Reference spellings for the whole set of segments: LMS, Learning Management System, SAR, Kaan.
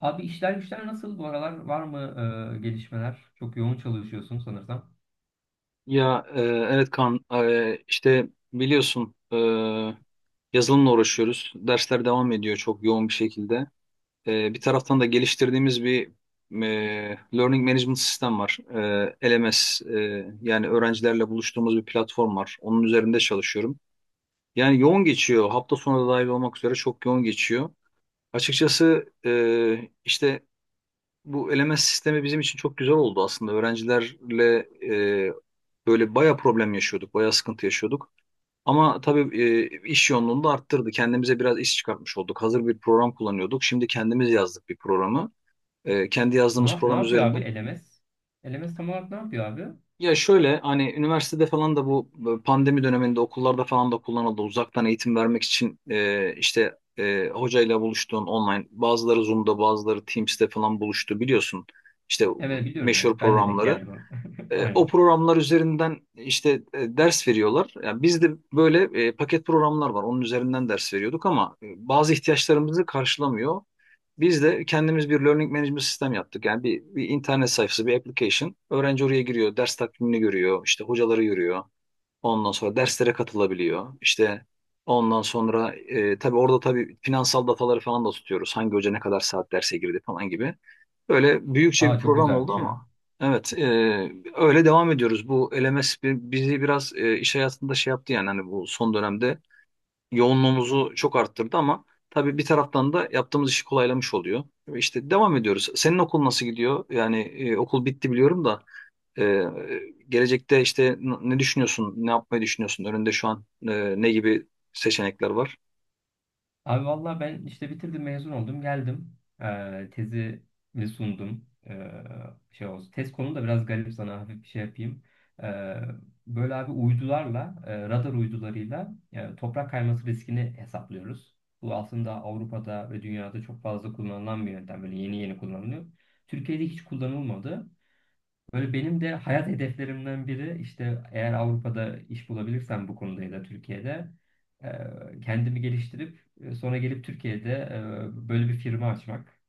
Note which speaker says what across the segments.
Speaker 1: Abi işler güçler nasıl bu aralar? Var mı gelişmeler? Çok yoğun çalışıyorsun sanırsam.
Speaker 2: Ya evet Kaan, işte biliyorsun yazılımla uğraşıyoruz. Dersler devam ediyor çok yoğun bir şekilde. Bir taraftan da geliştirdiğimiz bir Learning Management Sistem var. LMS, yani öğrencilerle buluştuğumuz bir platform var. Onun üzerinde çalışıyorum. Yani yoğun geçiyor. Hafta sonu da dahil olmak üzere çok yoğun geçiyor. Açıkçası, işte bu eleme sistemi bizim için çok güzel oldu aslında. Öğrencilerle e, böyle baya problem yaşıyorduk, baya sıkıntı yaşıyorduk. Ama tabii iş yoğunluğunu da arttırdı. Kendimize biraz iş çıkartmış olduk. Hazır bir program kullanıyorduk. Şimdi kendimiz yazdık bir programı. Kendi yazdığımız
Speaker 1: Ne
Speaker 2: program
Speaker 1: yapıyor
Speaker 2: üzerinden.
Speaker 1: abi LMS? LMS tam olarak ne yapıyor abi?
Speaker 2: Ya şöyle hani üniversitede falan da bu pandemi döneminde okullarda falan da kullanıldı. Uzaktan eğitim vermek için işte hocayla buluştuğun online, bazıları Zoom'da bazıları Teams'te falan buluştu biliyorsun. İşte
Speaker 1: Evet biliyorum
Speaker 2: meşhur
Speaker 1: ya. Ben de denk
Speaker 2: programları.
Speaker 1: geldim ona.
Speaker 2: O
Speaker 1: Aynen.
Speaker 2: programlar üzerinden işte ders veriyorlar. Yani bizde böyle paket programlar var. Onun üzerinden ders veriyorduk ama bazı ihtiyaçlarımızı karşılamıyor. Biz de kendimiz bir learning management sistem yaptık. Yani bir internet sayfası, bir application. Öğrenci oraya giriyor, ders takvimini görüyor, işte hocaları görüyor. Ondan sonra derslere katılabiliyor. İşte ondan sonra tabii orada tabii finansal dataları falan da tutuyoruz. Hangi hoca ne kadar saat derse girdi falan gibi. Böyle büyükçe bir
Speaker 1: Aa, çok
Speaker 2: program oldu
Speaker 1: güzelmiş ya.
Speaker 2: ama evet, öyle devam ediyoruz. Bu LMS bizi biraz iş hayatında şey yaptı yani, hani bu son dönemde yoğunluğumuzu çok arttırdı ama tabii bir taraftan da yaptığımız işi kolaylamış oluyor. İşte devam ediyoruz. Senin okul nasıl gidiyor? Yani okul bitti biliyorum da ee, gelecekte işte ne düşünüyorsun, ne yapmayı düşünüyorsun? Önünde şu an ne gibi seçenekler var?
Speaker 1: Abi valla ben işte bitirdim, mezun oldum, geldim. Tezimi sundum. Şey olsun, tez konu da biraz garip, sana hafif bir şey yapayım. Ee, Böyle abi uydularla radar uydularıyla toprak kayması riskini hesaplıyoruz. Bu aslında Avrupa'da ve dünyada çok fazla kullanılan bir yöntem, böyle yeni yeni kullanılıyor. Türkiye'de hiç kullanılmadı. Böyle benim de hayat hedeflerimden biri işte, eğer Avrupa'da iş bulabilirsem bu konuda ya da Türkiye'de kendimi geliştirip sonra gelip Türkiye'de böyle bir firma açmak.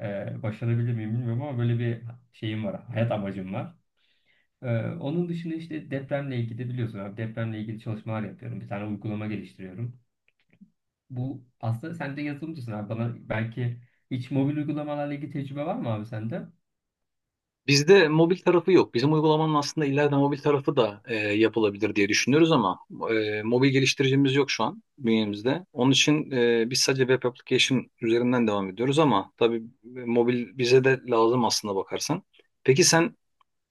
Speaker 1: Başarabilir miyim bilmiyorum ama böyle bir şeyim var, hayat amacım var. E, Onun dışında işte depremle ilgili, biliyorsun abi, depremle ilgili çalışmalar yapıyorum. Bir tane uygulama geliştiriyorum. Bu aslında sen de yazılımcısın abi, bana belki hiç mobil uygulamalarla ilgili tecrübe var mı abi sende?
Speaker 2: Bizde mobil tarafı yok. Bizim uygulamanın aslında ileride mobil tarafı da yapılabilir diye düşünüyoruz ama mobil geliştiricimiz yok şu an bünyemizde. Onun için biz sadece web application üzerinden devam ediyoruz ama tabii mobil bize de lazım aslında bakarsan. Peki sen,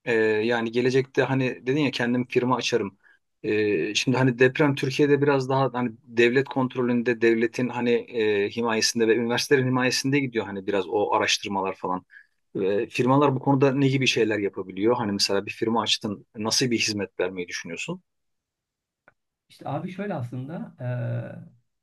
Speaker 2: Yani gelecekte hani dedin ya kendim firma açarım. Şimdi hani deprem Türkiye'de biraz daha hani devlet kontrolünde, devletin hani himayesinde ve üniversitelerin himayesinde gidiyor hani biraz o araştırmalar falan. Firmalar bu konuda ne gibi şeyler yapabiliyor? Hani mesela bir firma açtın, nasıl bir hizmet vermeyi düşünüyorsun?
Speaker 1: İşte abi şöyle aslında,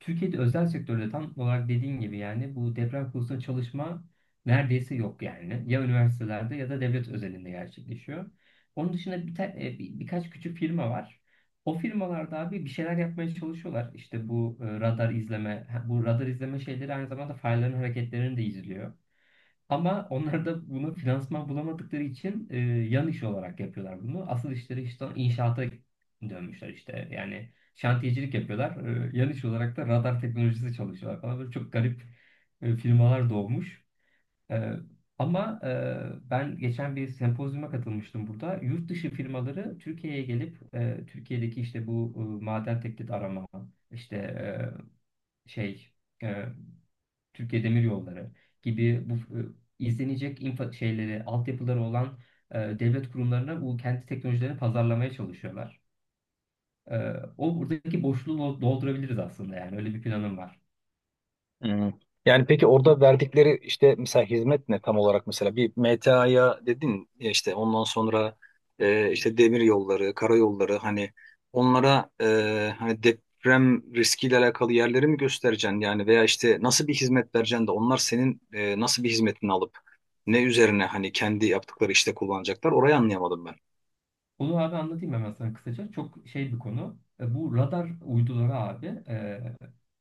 Speaker 1: Türkiye'de özel sektörde tam olarak dediğin gibi yani bu deprem konusunda çalışma neredeyse yok yani. Ya üniversitelerde ya da devlet özelinde gerçekleşiyor. Onun dışında birkaç küçük firma var. O firmalarda abi bir şeyler yapmaya çalışıyorlar. İşte bu radar izleme, ha, bu radar izleme şeyleri aynı zamanda farelerin hareketlerini de izliyor. Ama onlar da bunu finansman bulamadıkları için yan iş olarak yapıyorlar bunu. Asıl işleri işte inşaata dönmüşler işte. Yani şantiyecilik yapıyorlar. Yan iş olarak da radar teknolojisi çalışıyorlar falan. Böyle çok garip firmalar doğmuş. E, Ben geçen bir sempozyuma katılmıştım burada. Yurt dışı firmaları Türkiye'ye gelip Türkiye'deki işte bu maden teklif arama, işte e, şey... e, Türkiye Demir Yolları gibi bu izlenecek infa şeyleri, altyapıları olan devlet kurumlarına bu kendi teknolojilerini pazarlamaya çalışıyorlar. E, O buradaki boşluğu doldurabiliriz aslında, yani öyle bir planım var.
Speaker 2: Hmm. Yani peki orada verdikleri işte mesela hizmet ne tam olarak, mesela bir MTA'ya dedin ya, işte ondan sonra işte demir yolları, karayolları, hani onlara hani deprem riskiyle alakalı yerleri mi göstereceksin yani, veya işte nasıl bir hizmet vereceksin de onlar senin nasıl bir hizmetini alıp ne üzerine hani kendi yaptıkları işte kullanacaklar, orayı anlayamadım ben.
Speaker 1: Onu abi anlatayım hemen sana kısaca. Çok şey bir konu. Bu radar uyduları abi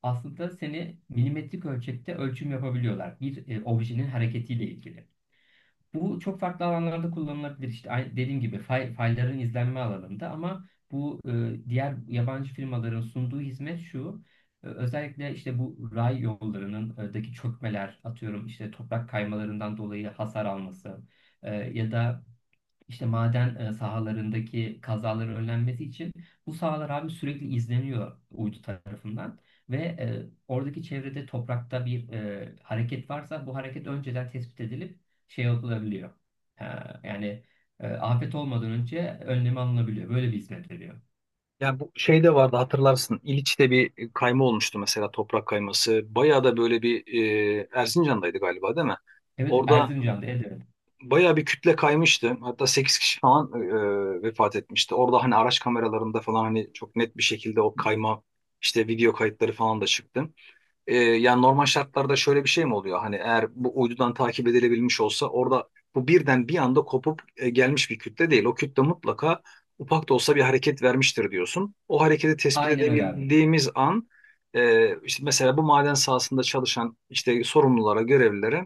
Speaker 1: aslında seni milimetrik ölçekte ölçüm yapabiliyorlar. Bir objenin hareketiyle ilgili. Bu çok farklı alanlarda kullanılabilir. İşte dediğim gibi faillerin izlenme alanında. Ama bu diğer yabancı firmaların sunduğu hizmet şu. Özellikle işte bu ray yollarının daki çökmeler, atıyorum işte toprak kaymalarından dolayı hasar alması ya da işte maden sahalarındaki kazaların önlenmesi için bu sahalar abi sürekli izleniyor uydu tarafından. Ve oradaki çevrede toprakta bir hareket varsa bu hareket önceden tespit edilip şey yapılabiliyor. Ha, yani afet olmadan önce önlemi alınabiliyor. Böyle bir hizmet veriyor.
Speaker 2: Yani bu şey de vardı, hatırlarsın. İliç'te bir kayma olmuştu mesela, toprak kayması. Bayağı da böyle bir Erzincan'daydı galiba değil mi?
Speaker 1: Evet,
Speaker 2: Orada
Speaker 1: Erzincan'da, evet. Evet.
Speaker 2: bayağı bir kütle kaymıştı. Hatta 8 kişi falan vefat etmişti. Orada hani araç kameralarında falan hani çok net bir şekilde o kayma işte video kayıtları falan da çıktı. Yani normal şartlarda şöyle bir şey mi oluyor? Hani eğer bu uydudan takip edilebilmiş olsa orada bu birden bir anda kopup gelmiş bir kütle değil. O kütle mutlaka ufak da olsa bir hareket vermiştir diyorsun. O hareketi tespit
Speaker 1: Aynen öyle abi.
Speaker 2: edebildiğimiz an, işte mesela bu maden sahasında çalışan işte sorumlulara, görevlilere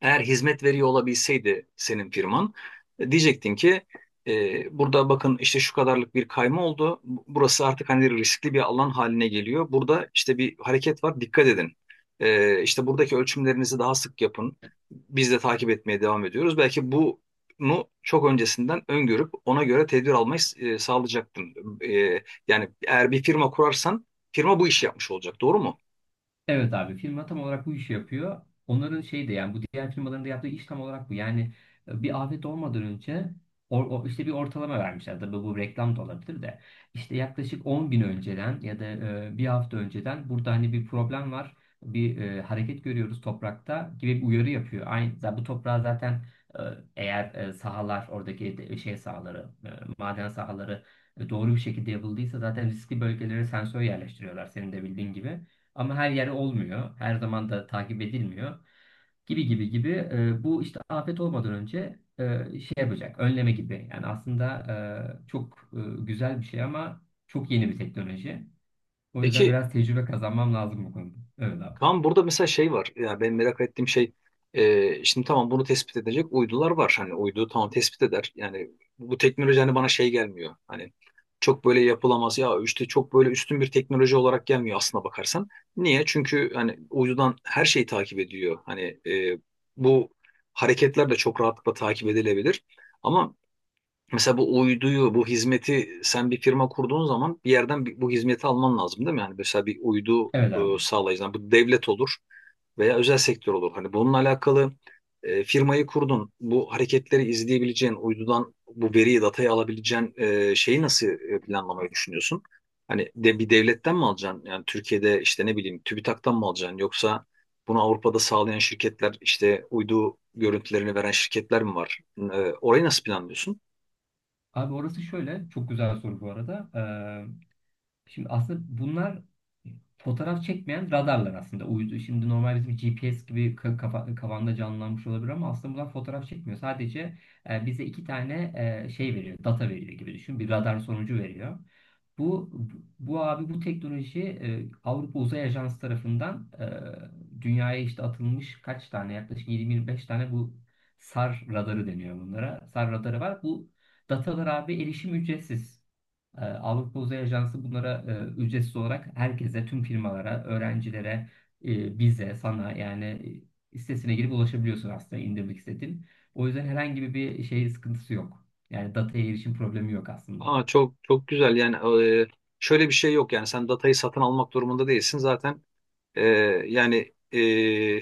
Speaker 2: eğer hizmet veriyor olabilseydi senin firman, diyecektin ki burada bakın işte şu kadarlık bir kayma oldu. Burası artık hani riskli bir alan haline geliyor. Burada işte bir hareket var, dikkat edin. İşte buradaki ölçümlerinizi daha sık yapın. Biz de takip etmeye devam ediyoruz. Belki bunu çok öncesinden öngörüp ona göre tedbir almayı sağlayacaktın. E, Yani eğer bir firma kurarsan firma bu işi yapmış olacak, doğru mu?
Speaker 1: Evet abi, firma tam olarak bu işi yapıyor. Onların şey de, yani bu diğer firmaların da yaptığı iş tam olarak bu. Yani bir afet olmadan önce işte bir ortalama vermişler. Tabii bu reklam da olabilir de. İşte yaklaşık 10 gün önceden ya da bir hafta önceden burada hani bir problem var. Bir hareket görüyoruz toprakta gibi bir uyarı yapıyor. Aynı, zaten bu toprağa zaten e, sahalar oradaki şey sahaları, maden sahaları doğru bir şekilde yapıldıysa zaten riskli bölgelere sensör yerleştiriyorlar, senin de bildiğin gibi. Ama her yer olmuyor. Her zaman da takip edilmiyor. Gibi gibi gibi. Bu işte afet olmadan önce şey yapacak. Önleme gibi. Yani aslında çok güzel bir şey ama çok yeni bir teknoloji. O yüzden
Speaker 2: Peki
Speaker 1: biraz tecrübe kazanmam lazım bu konuda. Evet abi.
Speaker 2: Kaan, burada mesela şey var. Ya ben merak ettiğim şey, şimdi tamam bunu tespit edecek uydular var. Hani uydu tamam tespit eder. Yani bu teknoloji hani bana şey gelmiyor. Hani çok böyle yapılamaz ya, işte çok böyle üstün bir teknoloji olarak gelmiyor aslına bakarsan. Niye? Çünkü hani uydudan her şeyi takip ediyor. Hani bu hareketler de çok rahatlıkla takip edilebilir. Ama mesela bu uyduyu, bu hizmeti sen bir firma kurduğun zaman bir yerden bu hizmeti alman lazım değil mi? Yani mesela bir uydu
Speaker 1: Evet abi.
Speaker 2: sağlayıcı, yani bu devlet olur veya özel sektör olur. Hani bununla alakalı firmayı kurdun, bu hareketleri izleyebileceğin, uydudan bu veriyi, datayı alabileceğin şeyi nasıl planlamayı düşünüyorsun? Hani de bir devletten mi alacaksın? Yani Türkiye'de işte ne bileyim TÜBİTAK'tan mı alacaksın? Yoksa bunu Avrupa'da sağlayan şirketler, işte uydu görüntülerini veren şirketler mi var? Orayı nasıl planlıyorsun?
Speaker 1: Abi orası şöyle. Çok güzel soru bu arada. Şimdi aslında bunlar e, fotoğraf çekmeyen radarlar aslında. Uydu, şimdi normal bizim GPS gibi kafanda canlanmış olabilir ama aslında bunlar fotoğraf çekmiyor. Sadece bize iki tane şey veriyor, data veriyor gibi düşün. Bir radar sonucu veriyor. Bu bu abi bu teknoloji Avrupa Uzay Ajansı tarafından dünyaya işte atılmış, kaç tane, yaklaşık 20-25 tane, bu SAR radarı deniyor bunlara. SAR radarı var. Bu datalar abi, erişim ücretsiz. Avrupa Uzay Ajansı bunlara ücretsiz olarak herkese, tüm firmalara, öğrencilere, bize, sana yani sitesine girip ulaşabiliyorsun aslında indirmek istediğin. O yüzden herhangi bir şey sıkıntısı yok. Yani dataya erişim problemi yok aslında.
Speaker 2: Aa, çok çok güzel yani, şöyle bir şey yok yani, sen datayı satın almak durumunda değilsin zaten. E, Yani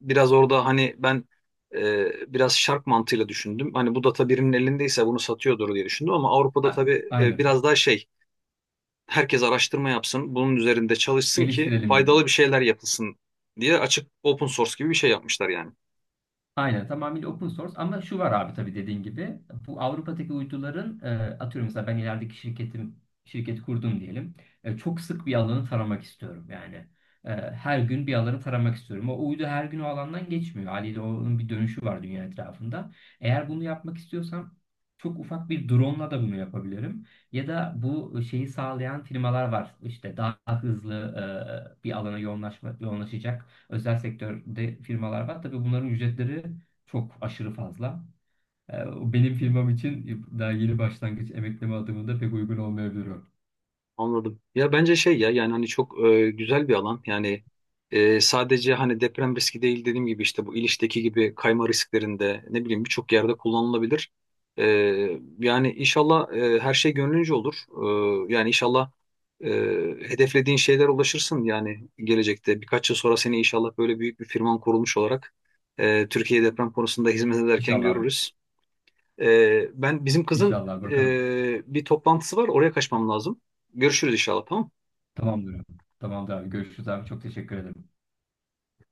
Speaker 2: biraz orada hani ben biraz şark mantığıyla düşündüm, hani bu data birinin elindeyse bunu satıyordur diye düşündüm, ama Avrupa'da
Speaker 1: A-
Speaker 2: tabii
Speaker 1: aynen.
Speaker 2: biraz daha şey, herkes araştırma yapsın bunun üzerinde çalışsın ki
Speaker 1: Geliştirelim gibi.
Speaker 2: faydalı bir şeyler yapılsın diye açık, open source gibi bir şey yapmışlar yani.
Speaker 1: Aynen, tamamıyla open source. Ama şu var abi, tabii dediğin gibi bu Avrupa'daki uyduların atıyorum mesela ben ilerideki şirketim, şirket kurdum diyelim. Çok sık bir alanı taramak istiyorum yani. Her gün bir alanı taramak istiyorum. O uydu her gün o alandan geçmiyor. Haliyle onun bir dönüşü var dünya etrafında. Eğer bunu yapmak istiyorsam çok ufak bir drone'la da bunu yapabilirim. Ya da bu şeyi sağlayan firmalar var. İşte daha hızlı bir alana yoğunlaşma, yoğunlaşacak özel sektörde firmalar var. Tabii bunların ücretleri çok aşırı fazla. O benim firmam için daha yeni başlangıç emekleme adımında pek uygun olmayabilir o.
Speaker 2: Anladım. Ya bence şey ya, yani hani çok güzel bir alan. Yani sadece hani deprem riski değil, dediğim gibi işte bu İliç'teki gibi kayma risklerinde ne bileyim birçok yerde kullanılabilir. E, Yani inşallah her şey gönlünce olur. Yani inşallah e, hedeflediğin şeyler ulaşırsın yani gelecekte. Birkaç yıl sonra seni inşallah böyle büyük bir firman kurulmuş olarak Türkiye deprem konusunda hizmet ederken
Speaker 1: İnşallah abi.
Speaker 2: görürüz. Ben bizim kızın
Speaker 1: İnşallah
Speaker 2: e,
Speaker 1: bakalım.
Speaker 2: bir toplantısı var. Oraya kaçmam lazım. Görüşürüz inşallah, tamam mı?
Speaker 1: Tamamdır abi. Tamamdır abi. Görüşürüz abi. Çok teşekkür ederim.